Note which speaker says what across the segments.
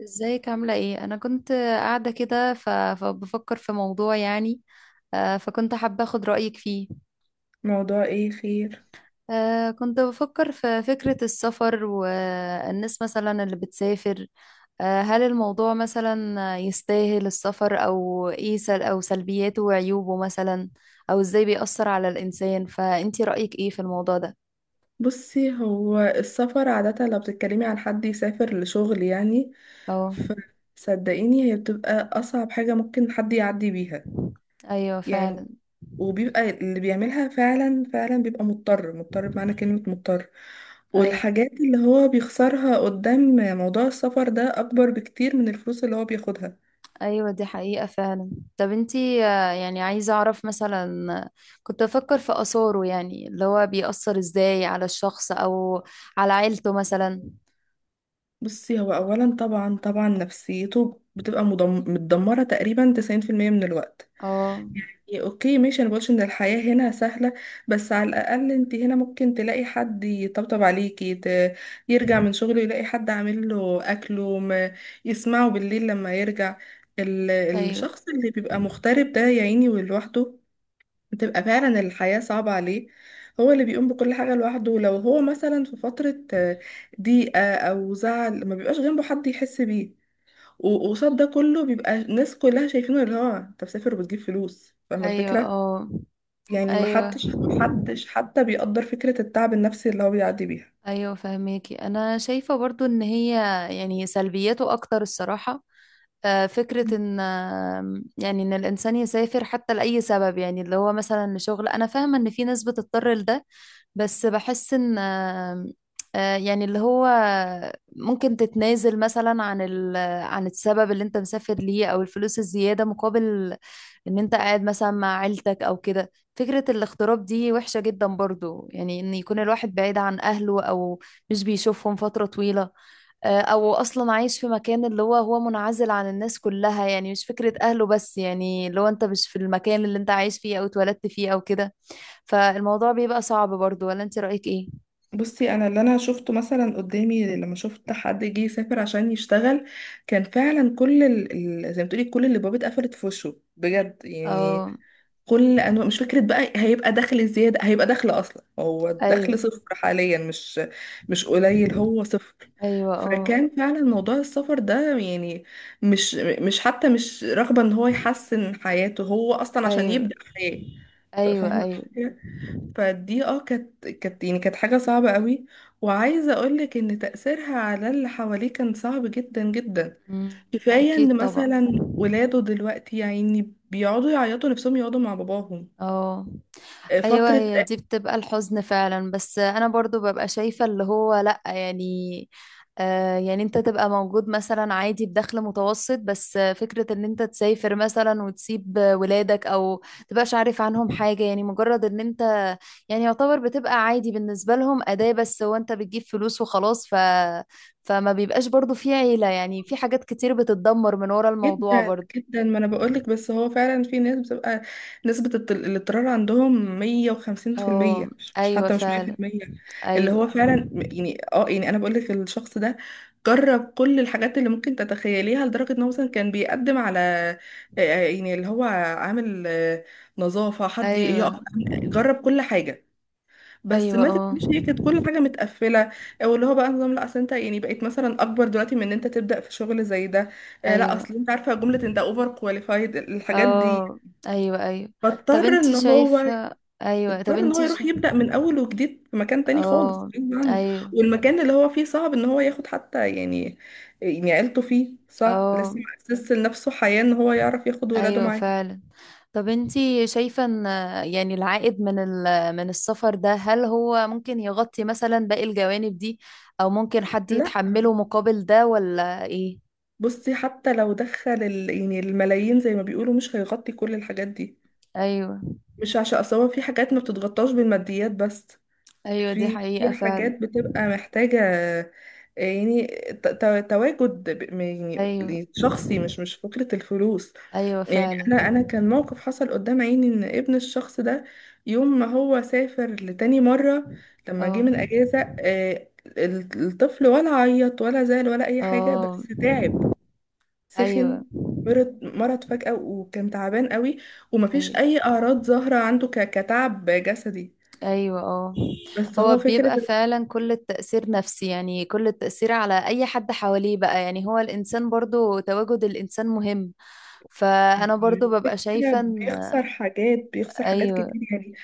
Speaker 1: ازيك عاملة ايه؟ أنا كنت قاعدة كده فبفكر في موضوع يعني. فكنت حابة أخد رأيك فيه.
Speaker 2: موضوع ايه خير؟
Speaker 1: كنت بفكر في فكرة السفر والناس مثلا اللي بتسافر. هل الموضوع مثلا يستاهل السفر، أو ايه أو سلبياته وعيوبه مثلا؟ أو ازاي بيأثر على الإنسان، فأنتي رأيك ايه في الموضوع ده؟
Speaker 2: بصي، هو السفر عادة لو بتتكلمي عن حد يسافر لشغل يعني
Speaker 1: اه.
Speaker 2: فصدقيني هي بتبقى أصعب حاجة ممكن حد يعدي بيها.
Speaker 1: أيوه
Speaker 2: يعني
Speaker 1: فعلا.
Speaker 2: وبيبقى اللي بيعملها فعلا فعلا بيبقى مضطر مضطر بمعنى كلمة مضطر،
Speaker 1: ايوه،
Speaker 2: والحاجات اللي هو بيخسرها قدام موضوع السفر ده أكبر بكتير من الفلوس اللي هو بياخدها.
Speaker 1: ايوه، دي حقيقة فعلا. طب انتي يعني عايزة اعرف مثلا كنت بفكر في اثاره، يعني اللي هو بيأثر ازاي على الشخص او على عيلته مثلا.
Speaker 2: بصي، هو أولا طبعا طبعا نفسيته بتبقى متدمرة تقريبا 90% من الوقت.
Speaker 1: اه.
Speaker 2: يعني اوكي ماشي، انا بقولش ان الحياة هنا سهلة، بس على الاقل انت هنا ممكن تلاقي حد يطبطب عليكي، يرجع من شغله يلاقي حد عامل له اكله، ما يسمعه بالليل لما يرجع.
Speaker 1: ايوه.
Speaker 2: الشخص اللي بيبقى مغترب ده يا عيني ولوحده، بتبقى فعلا الحياة صعبة عليه. هو اللي بيقوم بكل حاجة لوحده، لو هو مثلا في فترة ضيقة او زعل ما بيبقاش جنبه حد يحس بيه. وقصاد ده كله بيبقى الناس كلها شايفينه اللي هو انت مسافر وبتجيب فلوس، فاهمة
Speaker 1: ايوه.
Speaker 2: الفكرة.
Speaker 1: اه.
Speaker 2: يعني ما
Speaker 1: ايوه.
Speaker 2: حدش حتى بيقدر فكرة التعب النفسي اللي هو بيعدي بيها.
Speaker 1: ايوه فهميكي، انا شايفة برضو ان هي يعني سلبياته اكتر الصراحة. فكرة إن يعني إن الإنسان يسافر حتى لأي سبب، يعني اللي هو مثلا لشغل، أنا فاهمة إن في ناس بتضطر لده. بس بحس إن يعني اللي هو ممكن تتنازل مثلا عن عن السبب اللي أنت مسافر ليه أو الفلوس الزيادة مقابل إن أنت قاعد مثلا مع عيلتك أو كده. فكرة الاغتراب دي وحشة جدا برضو، يعني إن يكون الواحد بعيد عن أهله أو مش بيشوفهم فترة طويلة. او اصلا عايش في مكان اللي هو منعزل عن الناس كلها، يعني مش فكرة اهله بس، يعني اللي هو انت مش في المكان اللي انت عايش فيه او اتولدت فيه او كده. فالموضوع بيبقى صعب برضو، ولا انت رأيك ايه؟
Speaker 2: بصي، انا اللي انا شفته مثلا قدامي لما شفت حد جه يسافر عشان يشتغل، كان فعلا زي ما تقولي كل اللي بابه اتقفلت في وشه، بجد يعني.
Speaker 1: اه.
Speaker 2: كل انواع، مش فكره بقى هيبقى دخل زياده، هيبقى دخل اصلا، هو
Speaker 1: ايوه.
Speaker 2: الدخل صفر حاليا، مش قليل، هو صفر.
Speaker 1: ايوه. اه.
Speaker 2: فكان فعلا موضوع السفر ده يعني مش مش حتى مش رغبه ان هو يحسن حياته، هو اصلا عشان
Speaker 1: ايوه.
Speaker 2: يبدا حياه.
Speaker 1: ايوه.
Speaker 2: فاهمه
Speaker 1: ايوه.
Speaker 2: الفكرة؟ فدي كانت يعني كانت حاجه صعبه قوي، وعايزه اقولك ان تاثيرها على اللي حواليه كان صعب جدا جدا.
Speaker 1: مم.
Speaker 2: كفاية
Speaker 1: اكيد
Speaker 2: ان
Speaker 1: طبعا.
Speaker 2: مثلا ولاده دلوقتي يعني بيقعدوا يعيطوا نفسهم يقعدوا مع باباهم
Speaker 1: اه. ايوه
Speaker 2: فترة.
Speaker 1: هي دي بتبقى الحزن فعلا، بس انا برضو ببقى شايفة اللي هو لا يعني. يعني انت تبقى موجود مثلا عادي بدخل متوسط، بس فكرة ان انت تسافر مثلا وتسيب ولادك او تبقاش عارف عنهم حاجة، يعني مجرد ان انت يعني يعتبر بتبقى عادي بالنسبة لهم أداة، بس هو انت بتجيب فلوس وخلاص. فما بيبقاش برضو في عيلة، يعني في حاجات كتير بتتدمر من ورا الموضوع
Speaker 2: جدا
Speaker 1: برضو.
Speaker 2: جدا، ما انا بقولك، بس هو فعلا في ناس بتبقى نسبة الاضطرار عندهم مية وخمسين في
Speaker 1: اه.
Speaker 2: المية،
Speaker 1: ايوه
Speaker 2: حتى مش مية في
Speaker 1: فعلا.
Speaker 2: المية. اللي
Speaker 1: ايوه.
Speaker 2: هو فعلا يعني يعني انا بقولك الشخص ده جرب كل الحاجات اللي ممكن تتخيليها، لدرجة ان هو مثلا كان بيقدم على آه، يعني اللي هو عامل نظافة، حد
Speaker 1: ايوه.
Speaker 2: يقف. جرب كل حاجة، بس
Speaker 1: ايوه.
Speaker 2: ما
Speaker 1: اه.
Speaker 2: تفهميش، هي كانت كل حاجه متقفله. او اللي هو بقى نظام، لا اصل انت يعني بقيت مثلا اكبر دلوقتي من ان انت تبدا في شغل زي ده. لا
Speaker 1: ايوه.
Speaker 2: اصل انت عارفه جمله انت اوفر كواليفايد الحاجات دي.
Speaker 1: اه. ايوه. ايوه. طب
Speaker 2: فاضطر
Speaker 1: انتي
Speaker 2: ان هو
Speaker 1: شايفة. ايوه.
Speaker 2: اضطر ان هو يروح يبدا من اول وجديد في مكان تاني خالص،
Speaker 1: اه.
Speaker 2: غصب عنه.
Speaker 1: ايوه.
Speaker 2: والمكان اللي هو فيه صعب ان هو ياخد حتى يعني عيلته فيه، صعب،
Speaker 1: اه.
Speaker 2: لسه مؤسس لنفسه حياه، ان هو يعرف ياخد ولاده
Speaker 1: ايوه
Speaker 2: معاه.
Speaker 1: فعلا. طب انتي شايفة ان يعني العائد من من السفر ده، هل هو ممكن يغطي مثلا باقي الجوانب دي او ممكن حد
Speaker 2: لا
Speaker 1: يتحمله مقابل ده ولا ايه؟
Speaker 2: بصي، حتى لو دخل يعني الملايين زي ما بيقولوا مش هيغطي كل الحاجات دي.
Speaker 1: ايوه.
Speaker 2: مش عشان اصل هو في حاجات ما بتتغطاش بالماديات بس.
Speaker 1: ايوه دي
Speaker 2: في
Speaker 1: حقيقة فعلا.
Speaker 2: حاجات بتبقى محتاجة يعني تواجد
Speaker 1: ايوه.
Speaker 2: يعني شخصي، مش فكرة الفلوس.
Speaker 1: ايوه
Speaker 2: يعني
Speaker 1: فعلا.
Speaker 2: انا كان موقف حصل قدام عيني، ان ابن الشخص ده يوم ما هو سافر لتاني مرة لما جه
Speaker 1: اه.
Speaker 2: من اجازة، الطفل ولا عيط ولا زعل ولا اي حاجة،
Speaker 1: اه.
Speaker 2: بس تعب،
Speaker 1: ايوه.
Speaker 2: سخن، مرض فجأة وكان تعبان قوي، ومفيش
Speaker 1: ايوه.
Speaker 2: أي أعراض ظاهرة عنده كتعب جسدي.
Speaker 1: ايوه. اه.
Speaker 2: بس
Speaker 1: هو
Speaker 2: هو فكرة
Speaker 1: بيبقى
Speaker 2: إنه
Speaker 1: فعلا كل التأثير نفسي، يعني كل التأثير على اي حد حواليه بقى، يعني هو الانسان برضو، تواجد الانسان مهم. فانا برضو ببقى
Speaker 2: فكرة
Speaker 1: شايفة ان
Speaker 2: بيخسر حاجات
Speaker 1: ايوه.
Speaker 2: كتير يعني،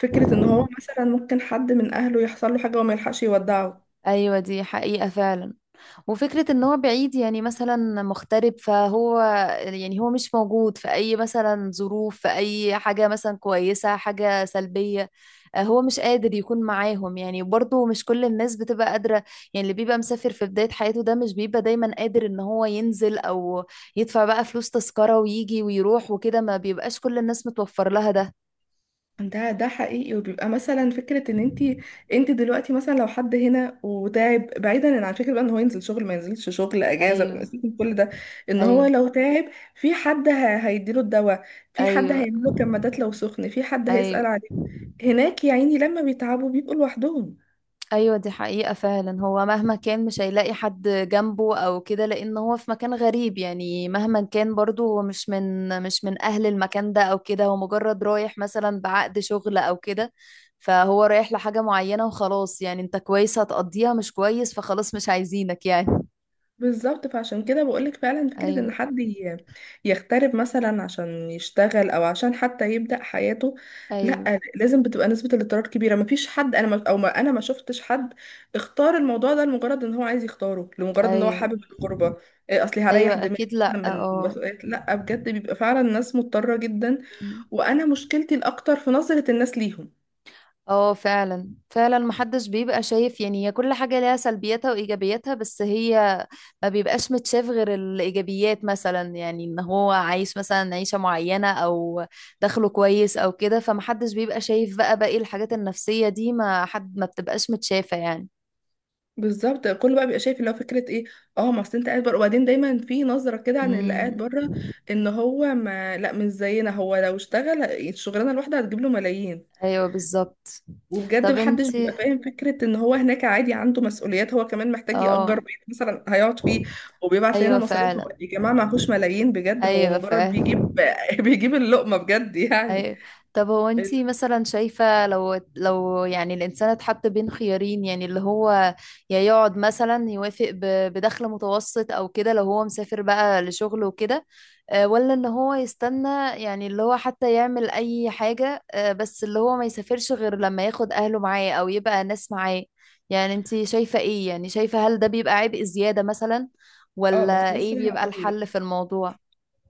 Speaker 2: فكرة إن هو مثلا ممكن حد من أهله يحصل له حاجة وما يلحقش يودعه.
Speaker 1: ايوه دي حقيقة فعلا. وفكرة ان هو بعيد، يعني مثلا مغترب، فهو يعني هو مش موجود في اي مثلا ظروف، في اي حاجة مثلا كويسة، حاجة سلبية. هو مش قادر يكون معاهم، يعني برضه مش كل الناس بتبقى قادرة. يعني اللي بيبقى مسافر في بداية حياته ده مش بيبقى دايما قادر ان هو ينزل او يدفع بقى فلوس تذكرة ويجي ويروح وكده، ما بيبقاش كل الناس متوفر لها ده.
Speaker 2: ده حقيقي، وبيبقى مثلا فكرة ان انت دلوقتي مثلا لو حد هنا وتعب، بعيدا عن فكرة بقى ان هو ينزل شغل ما ينزلش شغل اجازة
Speaker 1: ايوه.
Speaker 2: سيبك من كل ده، ان هو
Speaker 1: ايوه.
Speaker 2: لو تعب في حد هيديله الدواء، في حد
Speaker 1: ايوه.
Speaker 2: هيعمله كمادات لو سخن، في حد
Speaker 1: ايوه.
Speaker 2: هيسأل عليه. هناك يا عيني لما بيتعبوا بيبقوا لوحدهم.
Speaker 1: ايوه دي حقيقة فعلا. هو مهما كان مش هيلاقي حد جنبه او كده، لان هو في مكان غريب، يعني مهما كان برضه هو مش من اهل المكان ده او كده، هو مجرد رايح مثلا بعقد شغل او كده. فهو رايح لحاجة معينة وخلاص، يعني انت كويس هتقضيها، مش كويس فخلاص مش عايزينك يعني.
Speaker 2: بالظبط، فعشان كده بقولك فعلا فكرة
Speaker 1: ايوه.
Speaker 2: ان حد يغترب مثلا عشان يشتغل او عشان حتى يبدأ حياته،
Speaker 1: ايوه.
Speaker 2: لا، لازم بتبقى نسبة الاضطرار كبيرة. مفيش حد انا ما او ما انا ما شفتش حد اختار الموضوع ده لمجرد ان هو عايز يختاره، لمجرد ان هو
Speaker 1: ايوه.
Speaker 2: حابب الغربة، إيه اصلي
Speaker 1: ايوه
Speaker 2: هريح دماغي
Speaker 1: اكيد لا
Speaker 2: مثلا من
Speaker 1: اه.
Speaker 2: مسؤوليات. لا بجد، بيبقى فعلا ناس مضطرة جدا، وانا مشكلتي الاكتر في نظرة الناس ليهم.
Speaker 1: اه فعلا فعلا محدش بيبقى شايف، يعني هي كل حاجة ليها سلبياتها وإيجابياتها، بس هي ما بيبقاش متشاف غير الإيجابيات مثلا، يعني إن هو عايش مثلا عيشة معينة أو دخله كويس أو كده، فمحدش بيبقى شايف بقى باقي الحاجات النفسية دي، ما حد ما بتبقاش متشافة يعني.
Speaker 2: بالظبط، كله بقى بيبقى شايف اللي هو فكره ايه. اه، ما اصل انت قاعد بره، وبعدين دايما في نظره كده عن اللي
Speaker 1: امم.
Speaker 2: قاعد بره، ان هو ما لا مش زينا، هو لو اشتغل الشغلانه الواحده هتجيب له ملايين.
Speaker 1: أيوه بالظبط.
Speaker 2: وبجد
Speaker 1: طب انت.
Speaker 2: محدش بيبقى فاهم فكره ان هو هناك عادي عنده مسؤوليات، هو كمان محتاج
Speaker 1: اه.
Speaker 2: يأجر بيت مثلا هيقعد فيه، وبيبعت لنا
Speaker 1: أيوه
Speaker 2: مصاريف. هو
Speaker 1: فعلا.
Speaker 2: يا جماعه معهوش ملايين بجد، هو
Speaker 1: أيوه
Speaker 2: مجرد
Speaker 1: فعلا.
Speaker 2: بيجيب بيجيب اللقمه بجد يعني.
Speaker 1: أي... طب هو انتي
Speaker 2: ال-
Speaker 1: مثلا شايفة، لو يعني الإنسان اتحط بين خيارين، يعني اللي هو يا يقعد مثلا يوافق بدخل متوسط أو كده لو هو مسافر بقى لشغله وكده. ولا ان هو يستنى، يعني اللي هو حتى يعمل أي حاجة، بس اللي هو ما يسافرش غير لما ياخد أهله معاه أو يبقى ناس معاه. يعني انتي شايفة ايه، يعني شايفة هل ده بيبقى عبء زيادة مثلا
Speaker 2: اه، ما كنت
Speaker 1: ولا ايه
Speaker 2: لسه
Speaker 1: بيبقى
Speaker 2: هقول لك.
Speaker 1: الحل في الموضوع؟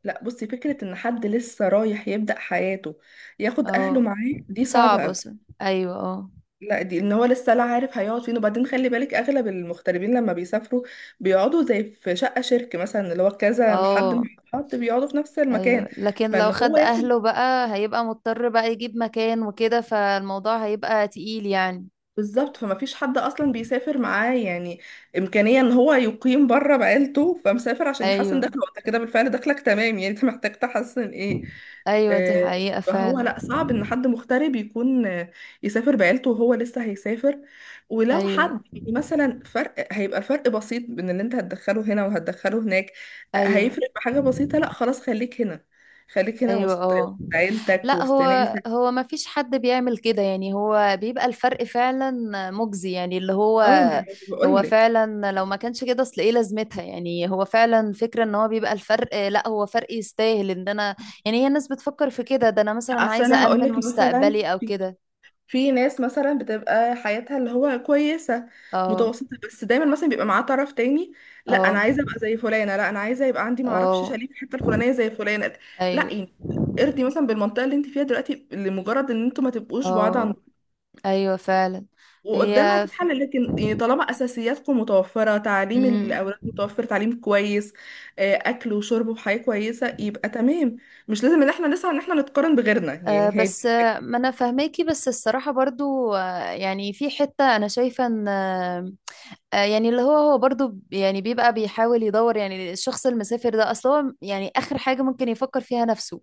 Speaker 2: لا بصي، فكره ان حد لسه رايح يبدأ حياته ياخد اهله
Speaker 1: اه.
Speaker 2: معاه دي
Speaker 1: صعب
Speaker 2: صعبه.
Speaker 1: أصلا. ايوه. اه.
Speaker 2: لا، دي ان هو لسه لا عارف هيقعد فين، وبعدين خلي بالك اغلب المغتربين لما بيسافروا بيقعدوا زي في شقة شركة مثلا، اللي هو كذا حد
Speaker 1: اه.
Speaker 2: مع حد بيقعدوا في نفس
Speaker 1: ايوه.
Speaker 2: المكان.
Speaker 1: لكن لو
Speaker 2: فان هو
Speaker 1: خد
Speaker 2: ياخد.
Speaker 1: اهله بقى، هيبقى مضطر بقى يجيب مكان وكده، فالموضوع هيبقى تقيل يعني.
Speaker 2: بالظبط، فما فيش حد اصلا بيسافر معاه، يعني امكانيه ان هو يقيم بره بعيلته، فمسافر عشان يحسن
Speaker 1: ايوه.
Speaker 2: دخله وانت كده بالفعل دخلك تمام، يعني انت محتاج تحسن ايه.
Speaker 1: ايوه دي
Speaker 2: آه،
Speaker 1: حقيقة
Speaker 2: فهو
Speaker 1: فعلا.
Speaker 2: لا، صعب ان حد مغترب يكون يسافر بعيلته وهو لسه هيسافر. ولو
Speaker 1: ايوه.
Speaker 2: حد يعني مثلا فرق، هيبقى الفرق بسيط بين اللي انت هتدخله هنا وهتدخله هناك،
Speaker 1: ايوه.
Speaker 2: هيفرق بحاجه بسيطه، لا خلاص خليك هنا، خليك هنا
Speaker 1: ايوه.
Speaker 2: وسط
Speaker 1: اه.
Speaker 2: وسط عيلتك
Speaker 1: لا
Speaker 2: وسط
Speaker 1: هو
Speaker 2: ناسك.
Speaker 1: هو ما فيش حد بيعمل كده، يعني هو بيبقى الفرق فعلا مجزي، يعني اللي هو
Speaker 2: اه،
Speaker 1: هو
Speaker 2: بقول لك،
Speaker 1: فعلا لو ما كانش كده اصل ايه لازمتها. يعني هو فعلا فكرة ان هو بيبقى الفرق، لا هو فرق يستاهل ان انا يعني. هي الناس بتفكر في كده ده، انا مثلا
Speaker 2: اصل
Speaker 1: عايزة
Speaker 2: انا
Speaker 1: أأمن
Speaker 2: هقولك مثلا
Speaker 1: مستقبلي او
Speaker 2: في
Speaker 1: كده.
Speaker 2: في ناس مثلا بتبقى حياتها اللي هو كويسه
Speaker 1: اه.
Speaker 2: متوسطه، بس دايما مثلا بيبقى معاه طرف تاني، لا انا
Speaker 1: اه.
Speaker 2: عايزه ابقى زي فلانه، لا انا عايزه يبقى عندي معرفش
Speaker 1: اه.
Speaker 2: شاليه في الحته الفلانيه زي فلانه. لا
Speaker 1: ايوه.
Speaker 2: يعني ارضي مثلا بالمنطقه اللي انت فيها دلوقتي، لمجرد ان انتوا ما تبقوش بعاد عن،
Speaker 1: اه. ايوه فعلا.
Speaker 2: وقدام
Speaker 1: هي
Speaker 2: هتتحل. لكن يعني طالما اساسياتكم متوفره، تعليم
Speaker 1: مم.
Speaker 2: الاولاد متوفر تعليم كويس، اكل وشرب وحياه كويسه، يبقى تمام. مش لازم ان احنا نسعى ان احنا نتقارن بغيرنا، يعني
Speaker 1: بس
Speaker 2: هادي.
Speaker 1: ما انا فاهماكي، بس الصراحة برضو يعني في حتة انا شايفة ان يعني اللي هو برضو يعني بيبقى بيحاول يدور، يعني الشخص المسافر ده اصل هو يعني اخر حاجة ممكن يفكر فيها نفسه.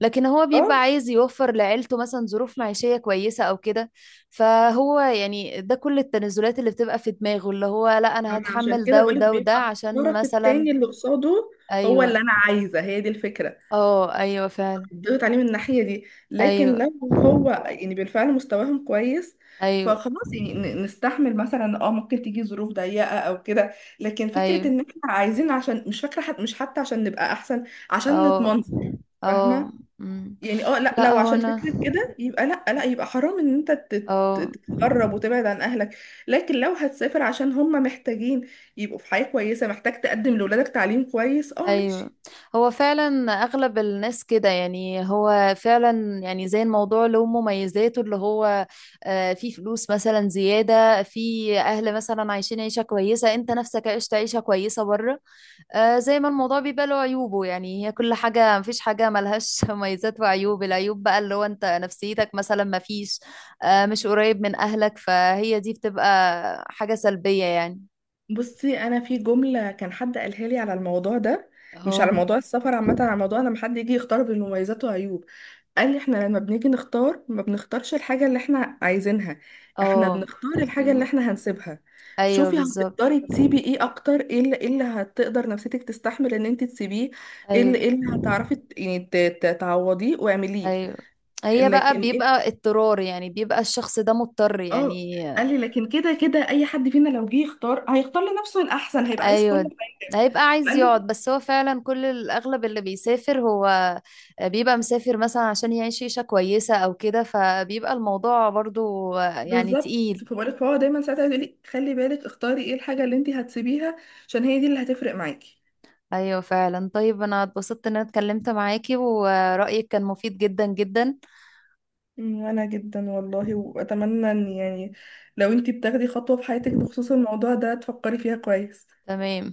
Speaker 1: لكن هو بيبقى عايز يوفر لعيلته مثلا ظروف معيشية كويسة او كده. فهو يعني ده كل التنازلات اللي بتبقى في دماغه، اللي هو لا انا
Speaker 2: انا عشان
Speaker 1: هتحمل
Speaker 2: كده
Speaker 1: ده
Speaker 2: بقولك
Speaker 1: وده وده
Speaker 2: بيبقى
Speaker 1: عشان
Speaker 2: الطرف
Speaker 1: مثلا.
Speaker 2: التاني اللي قصاده هو اللي
Speaker 1: ايوه.
Speaker 2: انا عايزه، هي دي الفكره،
Speaker 1: اه. ايوه فعلا.
Speaker 2: ضغط عليه من الناحيه دي. لكن
Speaker 1: ايوه.
Speaker 2: لو هو يعني بالفعل مستواهم كويس،
Speaker 1: ايوه.
Speaker 2: فخلاص يعني نستحمل مثلا، ممكن تيجي ظروف ضيقه او كده. لكن فكره
Speaker 1: ايوه.
Speaker 2: ان احنا عايزين عشان مش فاكره، مش حتى، عشان نبقى احسن، عشان
Speaker 1: اه.
Speaker 2: نتمنصر،
Speaker 1: اه.
Speaker 2: فاهمه.
Speaker 1: أمم.
Speaker 2: يعني لا،
Speaker 1: لا
Speaker 2: لو
Speaker 1: هو
Speaker 2: عشان
Speaker 1: انا.
Speaker 2: فكرة كده يبقى لا لا، يبقى حرام ان انت
Speaker 1: اه.
Speaker 2: تتقرب وتبعد عن اهلك. لكن لو هتسافر عشان هم محتاجين يبقوا في حياة كويسة، محتاج تقدم لولادك تعليم كويس، اه
Speaker 1: ايوه
Speaker 2: ماشي.
Speaker 1: هو فعلا اغلب الناس كده، يعني هو فعلا، يعني زي الموضوع له مميزاته، اللي هو في فلوس مثلا زيادة، في اهل مثلا عايشين عيشة كويسة، انت نفسك عشت عيشة كويسة بره. زي ما الموضوع بيبقى له عيوبه، يعني هي كل حاجة، مفيش حاجة ملهاش مميزات وعيوب. العيوب بقى اللي هو انت نفسيتك مثلا مفيش مش قريب من أهلك، فهي دي بتبقى حاجة سلبية يعني.
Speaker 2: بصي انا في جملة كان حد قالها لي على الموضوع ده، مش على
Speaker 1: اه.
Speaker 2: موضوع السفر عامة، على موضوع لما حد يجي يختار بين مميزات وعيوب. قال لي احنا لما بنيجي نختار ما بنختارش الحاجة اللي احنا عايزينها، احنا
Speaker 1: اه.
Speaker 2: بنختار الحاجة اللي
Speaker 1: الم-
Speaker 2: احنا هنسيبها.
Speaker 1: ايوه
Speaker 2: شوفي،
Speaker 1: بالظبط.
Speaker 2: هتقدري تسيبي ايه اكتر، إيه اللي هتقدر نفسيتك تستحمل ان انت تسيبيه،
Speaker 1: ايوه.
Speaker 2: إيه اللي هتعرفي يعني تعوضيه واعمليه.
Speaker 1: ايوه هي بقى
Speaker 2: لكن ايه،
Speaker 1: بيبقى اضطرار، يعني بيبقى الشخص ده مضطر
Speaker 2: اه
Speaker 1: يعني.
Speaker 2: قال لي لكن كده كده اي حد فينا لو جه يختار هيختار لنفسه الاحسن، هيبقى عايز كل
Speaker 1: ايوه.
Speaker 2: حاجة.
Speaker 1: هيبقى عايز
Speaker 2: قال
Speaker 1: يقعد،
Speaker 2: لي
Speaker 1: بس هو فعلا كل الاغلب اللي بيسافر هو بيبقى مسافر مثلا عشان يعيش عيشة كويسة او كده، فبيبقى الموضوع برضو يعني
Speaker 2: بالظبط،
Speaker 1: تقيل.
Speaker 2: فبقولك فهو دايما ساعتها يقول لي خلي بالك اختاري ايه الحاجة اللي انت هتسيبيها عشان هي دي اللي هتفرق معاكي.
Speaker 1: ايوه فعلا. طيب انا اتبسطت ان انا اتكلمت معاكي ورأيك كان مفيد جدا جدا.
Speaker 2: وانا جدا والله، واتمنى ان يعني لو انتي بتاخدي خطوة في حياتك بخصوص الموضوع ده تفكري فيها كويس.
Speaker 1: تمام.